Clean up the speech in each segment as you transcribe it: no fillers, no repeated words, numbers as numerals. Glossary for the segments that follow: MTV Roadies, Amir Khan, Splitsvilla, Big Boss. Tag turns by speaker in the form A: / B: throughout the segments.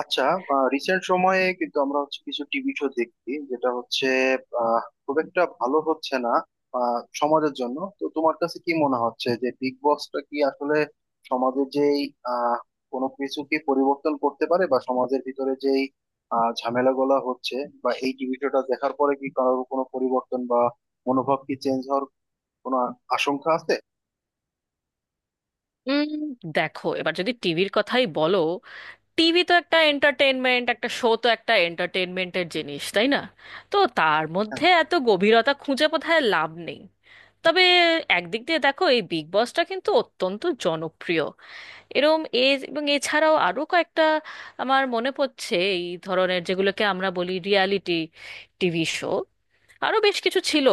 A: আচ্ছা। রিসেন্ট সময়ে কিন্তু আমরা হচ্ছে কিছু টিভি শো দেখি যেটা হচ্ছে খুব একটা ভালো হচ্ছে না। সমাজের জন্য তো তোমার কাছে কি মনে হচ্ছে যে বিগ বসটা কি আসলে সমাজের যেই আহ কোনো কিছু কি পরিবর্তন করতে পারে, বা সমাজের ভিতরে যেই ঝামেলাগুলা হচ্ছে, বা এই টিভি শোটা দেখার পরে কি কারোর কোনো পরিবর্তন বা মনোভাব কি চেঞ্জ হওয়ার কোনো আশঙ্কা আছে?
B: উম, দেখো, এবার যদি টিভির কথাই বলো, টিভি তো একটা এন্টারটেনমেন্ট, একটা শো তো একটা এন্টারটেনমেন্টের জিনিস, তাই না? তো তার
A: হ্যাঁ।
B: মধ্যে এত গভীরতা খুঁজে বোধহয় লাভ নেই। তবে একদিক দিয়ে দেখো, এই বিগ বসটা কিন্তু অত্যন্ত জনপ্রিয়। এরম এ এবং এছাড়াও আরো কয়েকটা আমার মনে পড়ছে এই ধরনের, যেগুলোকে আমরা বলি রিয়ালিটি টিভি শো, আরো বেশ কিছু ছিল।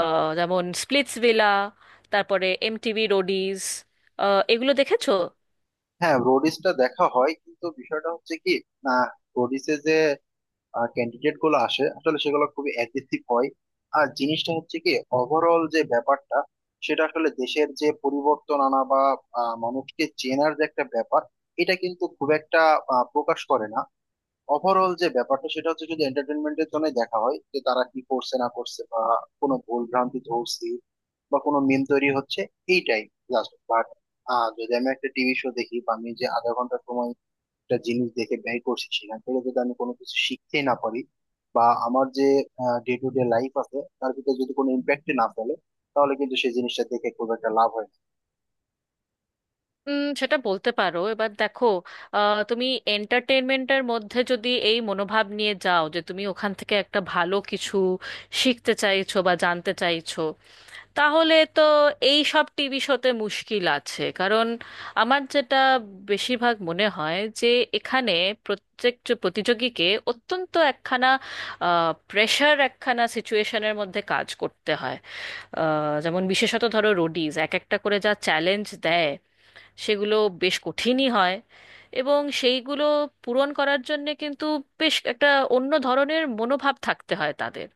B: যেমন স্প্লিটস ভিলা, তারপরে এমটিভি রোডিজ, এগুলো দেখেছো?
A: হ্যাঁ, রোডিসটা দেখা হয় কিন্তু বিষয়টা হচ্ছে কি, না, রোডিসে যে ক্যান্ডিডেট গুলো আসে আসলে সেগুলো খুবই অ্যাগ্রেসিভ হয়। আর জিনিসটা হচ্ছে কি, ওভারঅল যে ব্যাপারটা সেটা আসলে দেশের যে পরিবর্তন আনা বা মানুষকে চেনার যে একটা ব্যাপার, এটা কিন্তু খুব একটা প্রকাশ করে না। ওভারঅল যে ব্যাপারটা সেটা হচ্ছে যদি এন্টারটেনমেন্টের জন্য দেখা হয় যে তারা কি করছে না করছে, বা কোনো ভুল ভ্রান্তি ধরছি বা কোনো মিম তৈরি হচ্ছে, এইটাই জাস্ট বাট। যদি আমি একটা টিভি শো দেখি, বা আমি যে আধা ঘন্টা সময় একটা জিনিস দেখে ব্যয় করছি সেখান থেকে যদি আমি কোনো কিছু শিখতে না পারি, বা আমার যে ডে টু ডে লাইফ আছে তার ভিতরে যদি কোনো ইম্প্যাক্ট না ফেলে, তাহলে কিন্তু সেই জিনিসটা দেখে খুব একটা লাভ হয় না।
B: সেটা বলতে পারো। এবার দেখো, তুমি এন্টারটেনমেন্টের মধ্যে যদি এই মনোভাব নিয়ে যাও যে তুমি ওখান থেকে একটা ভালো কিছু শিখতে চাইছো বা জানতে চাইছো, তাহলে তো এই সব টিভি শোতে মুশকিল আছে, কারণ আমার যেটা বেশিরভাগ মনে হয় যে এখানে প্রত্যেক যে প্রতিযোগীকে অত্যন্ত একখানা প্রেশার, একখানা সিচুয়েশনের মধ্যে কাজ করতে হয়। যেমন বিশেষত ধরো রোডিজ এক একটা করে যা চ্যালেঞ্জ দেয়, সেগুলো বেশ কঠিনই হয়। এবং সেইগুলো পূরণ করার জন্যে কিন্তু বেশ একটা অন্য ধরনের মনোভাব থাকতে হয় তাদের।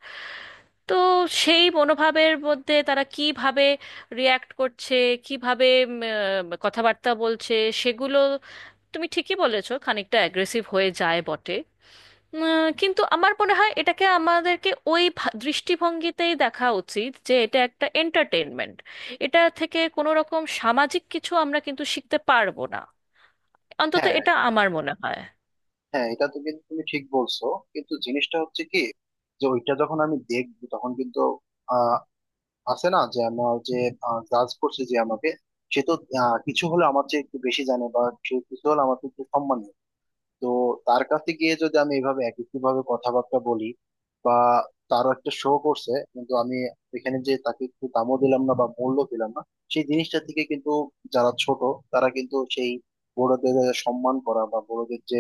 B: তো সেই মনোভাবের মধ্যে তারা কিভাবে রিয়াক্ট করছে, কিভাবে কথাবার্তা বলছে, সেগুলো তুমি ঠিকই বলেছো, খানিকটা অ্যাগ্রেসিভ হয়ে যায় বটে। উম, কিন্তু আমার মনে হয় এটাকে আমাদেরকে ওই দৃষ্টিভঙ্গিতেই দেখা উচিত যে এটা একটা এন্টারটেনমেন্ট। এটা থেকে কোনো রকম সামাজিক কিছু আমরা কিন্তু শিখতে পারবো না, অন্তত
A: হ্যাঁ।
B: এটা আমার মনে হয়।
A: হ্যাঁ, এটা তো কিন্তু তুমি ঠিক বলছো, কিন্তু জিনিসটা হচ্ছে কি, যে ওইটা যখন আমি দেখবো তখন কিন্তু আহ আছে না যে আমার যে জাজ করছে যে আমাকে, সে তো কিছু হলে আমার চেয়ে একটু বেশি জানে, বা সে কিছু হলে আমার থেকে একটু সম্মান, তো তার কাছে গিয়ে যদি আমি এইভাবে একই ভাবে কথাবার্তা বলি, বা তারও একটা শো করছে কিন্তু আমি এখানে যে তাকে একটু দামও দিলাম না বা মূল্য দিলাম না, সেই জিনিসটা থেকে কিন্তু যারা ছোট তারা কিন্তু সেই বড়দের সম্মান করা বা বড়দের যে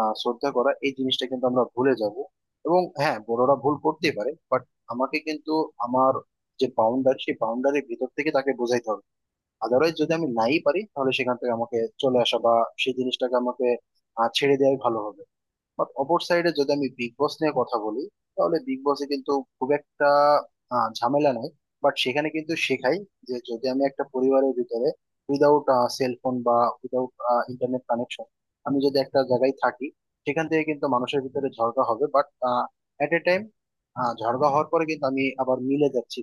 A: শ্রদ্ধা করা এই জিনিসটা কিন্তু আমরা ভুলে যাব। এবং হ্যাঁ, বড়রা ভুল করতেই পারে বাট আমাকে কিন্তু আমার যে বাউন্ডারি সেই বাউন্ডারির ভিতর থেকে তাকে বোঝাইতে হবে। আদারওয়াইজ যদি আমি নাই পারি তাহলে সেখান থেকে আমাকে চলে আসা, বা সেই জিনিসটাকে আমাকে ছেড়ে দেওয়াই ভালো হবে। বাট অপর সাইডে যদি আমি বিগ বস নিয়ে কথা বলি তাহলে বিগ বসে কিন্তু খুব একটা ঝামেলা নাই। বাট সেখানে কিন্তু শেখাই যে যদি আমি একটা পরিবারের ভিতরে উইদাউট সেলফোন বা উইদাউট ইন্টারনেট কানেকশন, আমি যদি একটা জায়গায় থাকি, সেখান থেকে কিন্তু মানুষের ভিতরে ঝগড়া হবে, বাট এট এ টাইম ঝগড়া হওয়ার পরে কিন্তু আমি আবার মিলে যাচ্ছি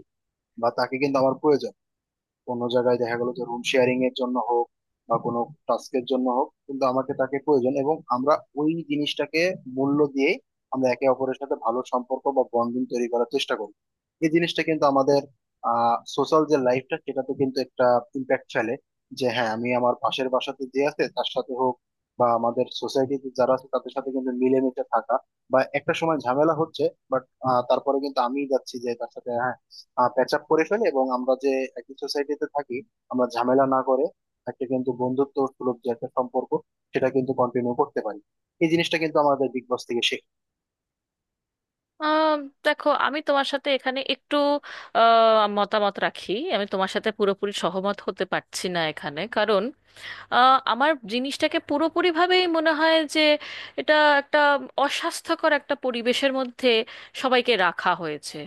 A: বা তাকে কিন্তু আমার প্রয়োজন। কোনো জায়গায় দেখা গেল যে রুম শেয়ারিং এর জন্য হোক, বা কোনো টাস্কের জন্য হোক, কিন্তু আমাকে তাকে প্রয়োজন, এবং আমরা ওই জিনিসটাকে মূল্য দিয়ে আমরা একে অপরের সাথে ভালো সম্পর্ক বা বন্ধন তৈরি করার চেষ্টা করি। এই জিনিসটা কিন্তু আমাদের সোশ্যাল যে লাইফটা সেটাতে কিন্তু একটা ইম্প্যাক্ট ফেলে, যে হ্যাঁ আমি আমার পাশের বাসাতে যে আছে তার সাথে হোক, বা আমাদের সোসাইটিতে যারা আছে তাদের সাথে কিন্তু মিলেমিশে থাকা, বা একটা সময় ঝামেলা হচ্ছে বাট তারপরে কিন্তু আমি যাচ্ছি যে তার সাথে, হ্যাঁ, প্যাচ আপ করে ফেলে এবং আমরা যে একই সোসাইটিতে থাকি, আমরা ঝামেলা না করে একটা কিন্তু বন্ধুত্ব সুলভ যে একটা সম্পর্ক সেটা কিন্তু কন্টিনিউ করতে পারি। এই জিনিসটা কিন্তু আমাদের বিগ বস থেকে শেখ।
B: আহ, দেখো, আমি তোমার সাথে এখানে একটু মতামত রাখি। আমি তোমার সাথে পুরোপুরি সহমত হতে পারছি না এখানে, কারণ আমার জিনিসটাকে পুরোপুরিভাবেই মনে হয় যে এটা একটা অস্বাস্থ্যকর একটা পরিবেশের মধ্যে সবাইকে রাখা হয়েছে,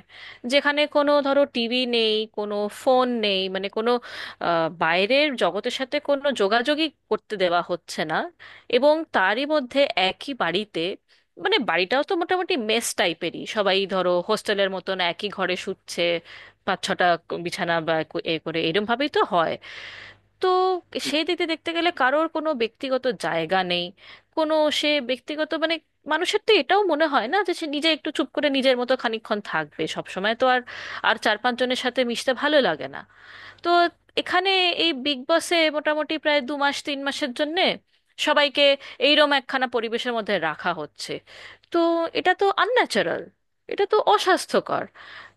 B: যেখানে কোনো ধরো টিভি নেই, কোনো ফোন নেই, মানে কোনো আহ, বাইরের জগতের সাথে কোনো যোগাযোগই করতে দেওয়া হচ্ছে না। এবং তারই মধ্যে একই বাড়িতে, মানে বাড়িটাও তো মোটামুটি মেস টাইপেরই, সবাই ধরো হোস্টেলের মতন একই ঘরে শুচ্ছে, পাঁচ ছটা বিছানা বা এ করে এরম ভাবেই তো হয়। তো সেই দিকে দেখতে গেলে কারোর কোনো ব্যক্তিগত জায়গা নেই, কোনো সে ব্যক্তিগত মানে, মানুষের তো এটাও মনে হয় না যে সে নিজে একটু চুপ করে নিজের মতো খানিকক্ষণ থাকবে। সব সময় তো আর আর চার পাঁচ জনের সাথে মিশতে ভালো লাগে না। তো এখানে এই বিগ বসে মোটামুটি প্রায় দু মাস তিন মাসের জন্যে সবাইকে এইরম একখানা পরিবেশের মধ্যে রাখা হচ্ছে। তো এটা তো আনন্যাচারাল, এটা তো অস্বাস্থ্যকর।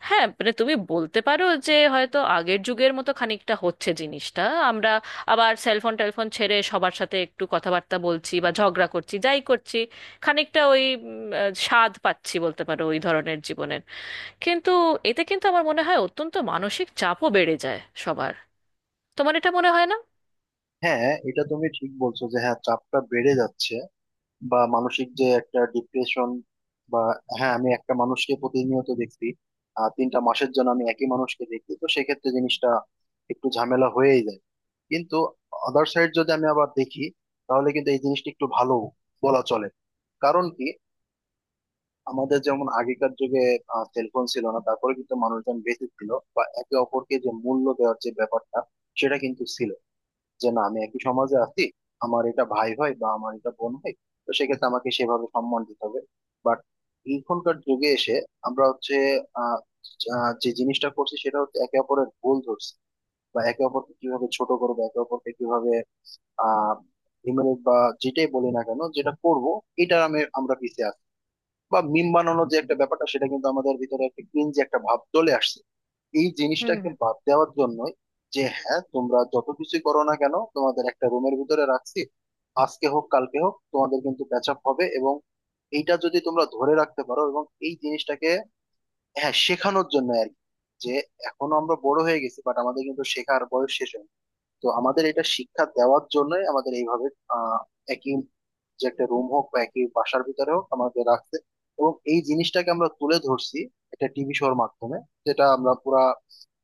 B: হ্যাঁ, মানে তুমি বলতে পারো যে হয়তো আগের যুগের মতো খানিকটা হচ্ছে জিনিসটা, আমরা আবার সেলফোন টেলফোন ছেড়ে সবার সাথে একটু কথাবার্তা বলছি বা ঝগড়া করছি, যাই করছি, খানিকটা ওই স্বাদ পাচ্ছি, বলতে পারো, ওই ধরনের জীবনের। কিন্তু এতে কিন্তু আমার মনে হয় অত্যন্ত মানসিক চাপও বেড়ে যায় সবার। তোমার এটা মনে হয় না?
A: হ্যাঁ, এটা তুমি ঠিক বলছো যে হ্যাঁ চাপটা বেড়ে যাচ্ছে, বা মানসিক যে একটা ডিপ্রেশন, বা হ্যাঁ আমি একটা মানুষকে প্রতিনিয়ত দেখছি, 3টা মাসের জন্য আমি একই মানুষকে দেখি তো সেক্ষেত্রে জিনিসটা একটু ঝামেলা হয়েই যায়। কিন্তু আদার সাইড যদি আমি আবার দেখি তাহলে কিন্তু এই জিনিসটা একটু ভালো বলা চলে। কারণ কি, আমাদের যেমন আগেকার যুগে সেলফোন ছিল না, তারপরে কিন্তু মানুষজন বেঁচে ছিল, বা একে অপরকে যে মূল্য দেওয়ার যে ব্যাপারটা সেটা কিন্তু ছিল, যে না আমি একই সমাজে আছি, আমার এটা ভাই হয় বা আমার এটা বোন হয়, তো সেক্ষেত্রে আমাকে সেভাবে সম্মান দিতে হবে। বাট এখনকার যুগে এসে আমরা হচ্ছে আহ আহ, যে জিনিসটা করছি সেটা হচ্ছে একে অপরের ভুল ধরছি, বা একে অপরকে কিভাবে ছোট করবো, একে অপরকে কিভাবে আহ ডিমেরিট, বা যেটাই বলি না কেন যেটা করব, এটা আমি আমরা পিছিয়ে আছি, বা মিম বানানোর যে একটা ব্যাপারটা সেটা কিন্তু আমাদের ভিতরে একটা ক্রিঞ্জ একটা ভাব চলে আসছে। এই
B: হুম,
A: জিনিসটাকে
B: হুম।
A: বাদ দেওয়ার জন্য যে হ্যাঁ তোমরা যত কিছুই করো না কেন তোমাদের একটা রুমের ভিতরে রাখছি, আজকে হোক কালকে হোক তোমাদের কিন্তু প্যাচ আপ হবে, এবং এইটা যদি তোমরা ধরে রাখতে পারো, এবং এই জিনিসটাকে হ্যাঁ শেখানোর জন্য আর কি, যে এখনো আমরা বড় হয়ে গেছি বাট আমাদের কিন্তু শেখার বয়স শেষ হয়নি। তো আমাদের এটা শিক্ষা দেওয়ার জন্যই আমাদের এইভাবে আহ, একই যে একটা রুম হোক, বা একই বাসার ভিতরে হোক, আমাদের রাখছে, এবং এই জিনিসটাকে আমরা তুলে ধরছি একটা টিভি শোর মাধ্যমে, যেটা আমরা পুরা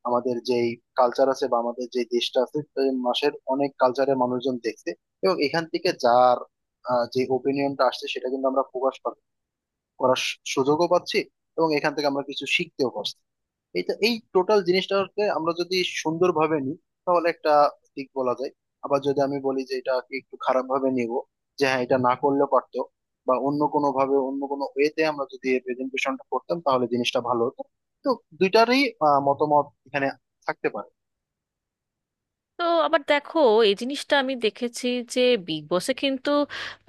A: আমাদের যেই কালচার আছে বা আমাদের যে দেশটা আছে সেই মাসের অনেক কালচারের মানুষজন দেখছে, এবং এখান থেকে যার যে ওপিনিয়নটা আসছে সেটা কিন্তু আমরা প্রকাশ করার সুযোগও পাচ্ছি, এবং এখান থেকে আমরা কিছু শিখতেও পারছি। এই তো, এই টোটাল জিনিসটাকে আমরা যদি সুন্দরভাবে নিই তাহলে একটা দিক বলা যায়। আবার যদি আমি বলি যে এটাকে একটু খারাপ ভাবে নিব, যে হ্যাঁ এটা না করলেও পারতো, বা অন্য কোনো ভাবে অন্য কোনো ওয়েতে আমরা যদি প্রেজেন্টেশনটা করতাম তাহলে জিনিসটা ভালো হতো। তো দুইটারই মতামত এখানে থাকতে পারে।
B: তো আবার দেখো, এই জিনিসটা আমি দেখেছি যে বিগ বসে কিন্তু,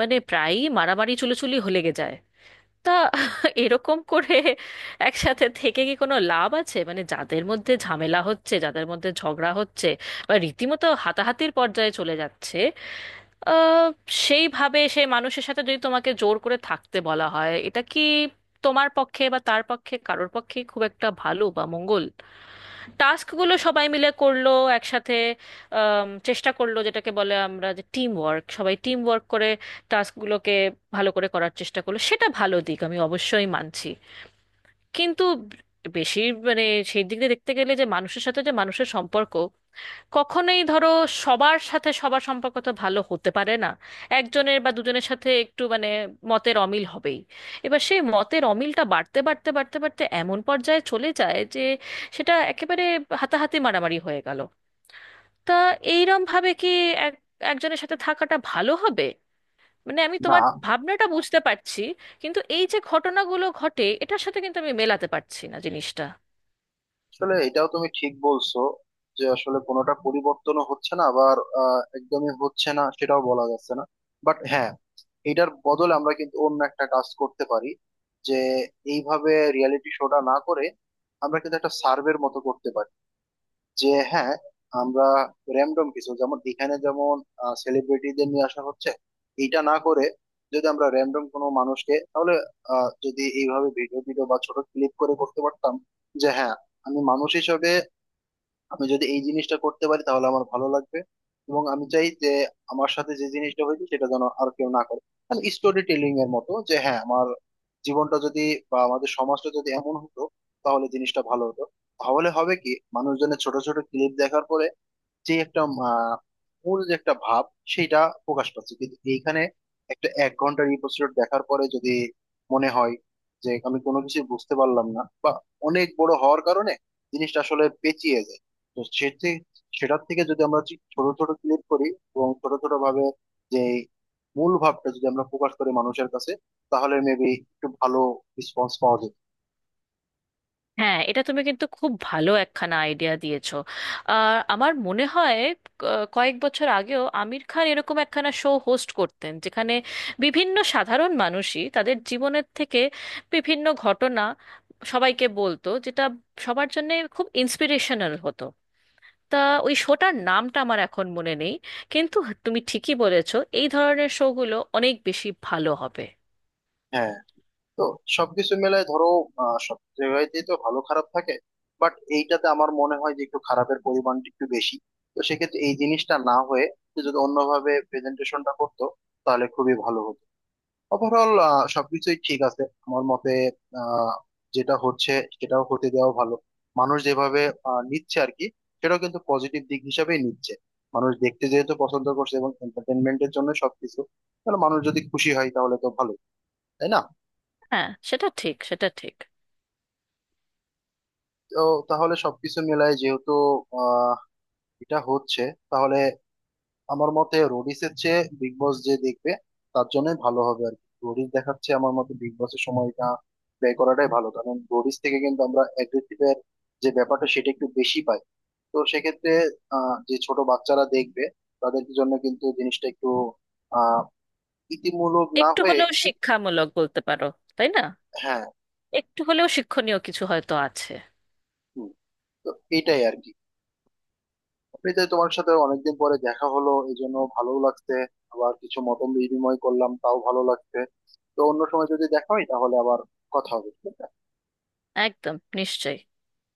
B: মানে, প্রায়ই মারামারি চুলোচুলি হয়ে লেগে যায়। তা এরকম করে একসাথে থেকে কি কোনো লাভ আছে? মানে যাদের মধ্যে ঝামেলা হচ্ছে, যাদের মধ্যে ঝগড়া হচ্ছে, বা রীতিমতো হাতাহাতির পর্যায়ে চলে যাচ্ছে, আহ সেইভাবে সেই মানুষের সাথে যদি তোমাকে জোর করে থাকতে বলা হয়, এটা কি তোমার পক্ষে বা তার পক্ষে কারোর পক্ষে খুব একটা ভালো বা মঙ্গল? টাস্কগুলো সবাই মিলে করলো একসাথে, চেষ্টা করলো যেটাকে বলে আমরা যে টিম ওয়ার্ক, সবাই টিম ওয়ার্ক করে টাস্কগুলোকে ভালো করে করার চেষ্টা করলো, সেটা ভালো দিক, আমি অবশ্যই মানছি। কিন্তু বেশি, মানে, সেই দিক দিয়ে দেখতে গেলে, যে মানুষের সাথে যে মানুষের সম্পর্ক, কখনোই ধরো সবার সাথে সবার সম্পর্ক তো ভালো হতে পারে না, একজনের বা দুজনের সাথে একটু মানে মতের অমিল হবেই। এবার সেই মতের অমিলটা বাড়তে বাড়তে বাড়তে বাড়তে এমন পর্যায়ে চলে যায় যে সেটা একেবারে হাতাহাতি মারামারি হয়ে গেল। তা এইরম ভাবে কি এক একজনের সাথে থাকাটা ভালো হবে? মানে আমি তোমার
A: না,
B: ভাবনাটা বুঝতে পারছি, কিন্তু এই যে ঘটনাগুলো ঘটে, এটার সাথে কিন্তু আমি মেলাতে পারছি না জিনিসটা।
A: আসলে এটাও তুমি ঠিক বলছো যে আসলে কোনোটা পরিবর্তনও হচ্ছে না, আবার একদমই হচ্ছে না সেটাও বলা যাচ্ছে না। বাট হ্যাঁ, এটার বদলে আমরা কিন্তু অন্য একটা কাজ করতে পারি, যে এইভাবে রিয়েলিটি শোটা না করে আমরা কিন্তু একটা সার্ভের মতো করতে পারি, যে হ্যাঁ আমরা র্যান্ডম কিছু, যেমন এখানে যেমন সেলিব্রিটিদের নিয়ে আসা হচ্ছে এটা না করে যদি আমরা র্যান্ডম কোনো মানুষকে, তাহলে যদি এইভাবে ভিডিও ভিডিও বা ছোট ক্লিপ করে করতে পারতাম, যে হ্যাঁ আমি মানুষ হিসেবে, আমি যদি এই জিনিসটা করতে পারি তাহলে আমার ভালো লাগবে, এবং আমি চাই যে আমার সাথে যে জিনিসটা হয়েছে সেটা যেন আর কেউ না করে। মানে স্টোরি টেলিং এর মতো, যে হ্যাঁ আমার জীবনটা যদি, বা আমাদের সমাজটা যদি এমন হতো তাহলে জিনিসটা ভালো হতো। তাহলে হবে কি, মানুষজনের ছোট ছোট ক্লিপ দেখার পরে যে একটা আহ, মূল যে একটা ভাব সেটা প্রকাশ পাচ্ছে কিন্তু এইখানে। একটা এক ঘন্টার এপিসোড দেখার পরে যদি মনে হয় যে আমি কোনো কিছু বুঝতে পারলাম না, বা অনেক বড় হওয়ার কারণে জিনিসটা আসলে পেঁচিয়ে যায়, তো সেটি, সেটার থেকে যদি আমরা ঠিক ছোট ছোট ক্লিপ করি, এবং ছোট ছোট ভাবে যে মূল ভাবটা যদি আমরা প্রকাশ করি মানুষের কাছে, তাহলে মেবি একটু ভালো রেসপন্স পাওয়া যেত।
B: হ্যাঁ, এটা তুমি কিন্তু খুব ভালো একখানা আইডিয়া দিয়েছো। আর আমার মনে হয় ক- কয়েক বছর আগেও আমির খান এরকম একখানা শো হোস্ট করতেন, যেখানে বিভিন্ন সাধারণ মানুষই তাদের জীবনের থেকে বিভিন্ন ঘটনা সবাইকে বলতো, যেটা সবার জন্য খুব ইন্সপিরেশনাল হতো। তা ওই শোটার নামটা আমার এখন মনে নেই, কিন্তু তুমি ঠিকই বলেছো, এই ধরনের শোগুলো অনেক বেশি ভালো হবে।
A: হ্যাঁ। তো সবকিছু মেলায় ধরো, সব জায়গাতেই তো ভালো খারাপ থাকে, বাট এইটাতে আমার মনে হয় যে একটু খারাপের পরিমাণটা একটু বেশি। তো সেক্ষেত্রে এই জিনিসটা না হয়ে, সে যদি অন্যভাবে প্রেজেন্টেশনটা করতো তাহলে খুবই ভালো হতো। ওভারঅল সবকিছুই ঠিক আছে আমার মতে। আহ যেটা হচ্ছে সেটাও হতে দেওয়া ভালো, মানুষ যেভাবে নিচ্ছে আর কি, সেটাও কিন্তু পজিটিভ দিক হিসাবেই নিচ্ছে। মানুষ দেখতে যেহেতু পছন্দ করছে এবং এন্টারটেনমেন্টের জন্য সবকিছু, তাহলে মানুষ যদি খুশি হয় তাহলে তো ভালো, তাই না?
B: হ্যাঁ, সেটা ঠিক, সেটা ঠিক।
A: তো তাহলে সবকিছু মিলাই যেহেতু আহ এটা হচ্ছে, তাহলে আমার মতে রোডিসের চেয়ে বিগ বস যে দেখবে তার জন্য ভালো হবে আর কি। রোডিস দেখাচ্ছে আমার মতে বিগ বসের সময়টা ব্যয় করাটাই ভালো, কারণ রোডিস থেকে কিন্তু আমরা অ্যাগ্রেসিভের যে ব্যাপারটা সেটা একটু বেশি পাই। তো সেক্ষেত্রে যে ছোট বাচ্চারা দেখবে তাদের জন্য কিন্তু জিনিসটা একটু আহ ইতিমূলক না
B: একটু
A: হয়ে
B: হলেও
A: ইতি।
B: শিক্ষামূলক, বলতে পারো, তাই না?
A: হ্যাঁ।
B: একটু হলেও শিক্ষণীয় কিছু হয়তো আছে।
A: হুম। তো এটাই আর কি। অফিসে তোমার সাথে অনেকদিন পরে দেখা হলো এই জন্য ভালো লাগছে। আবার কিছু মত বিনিময় করলাম তাও ভালো লাগছে। তো অন্য সময় যদি দেখা হয় তাহলে আবার কথা হবে, ঠিক আছে?
B: একদম নিশ্চয়ই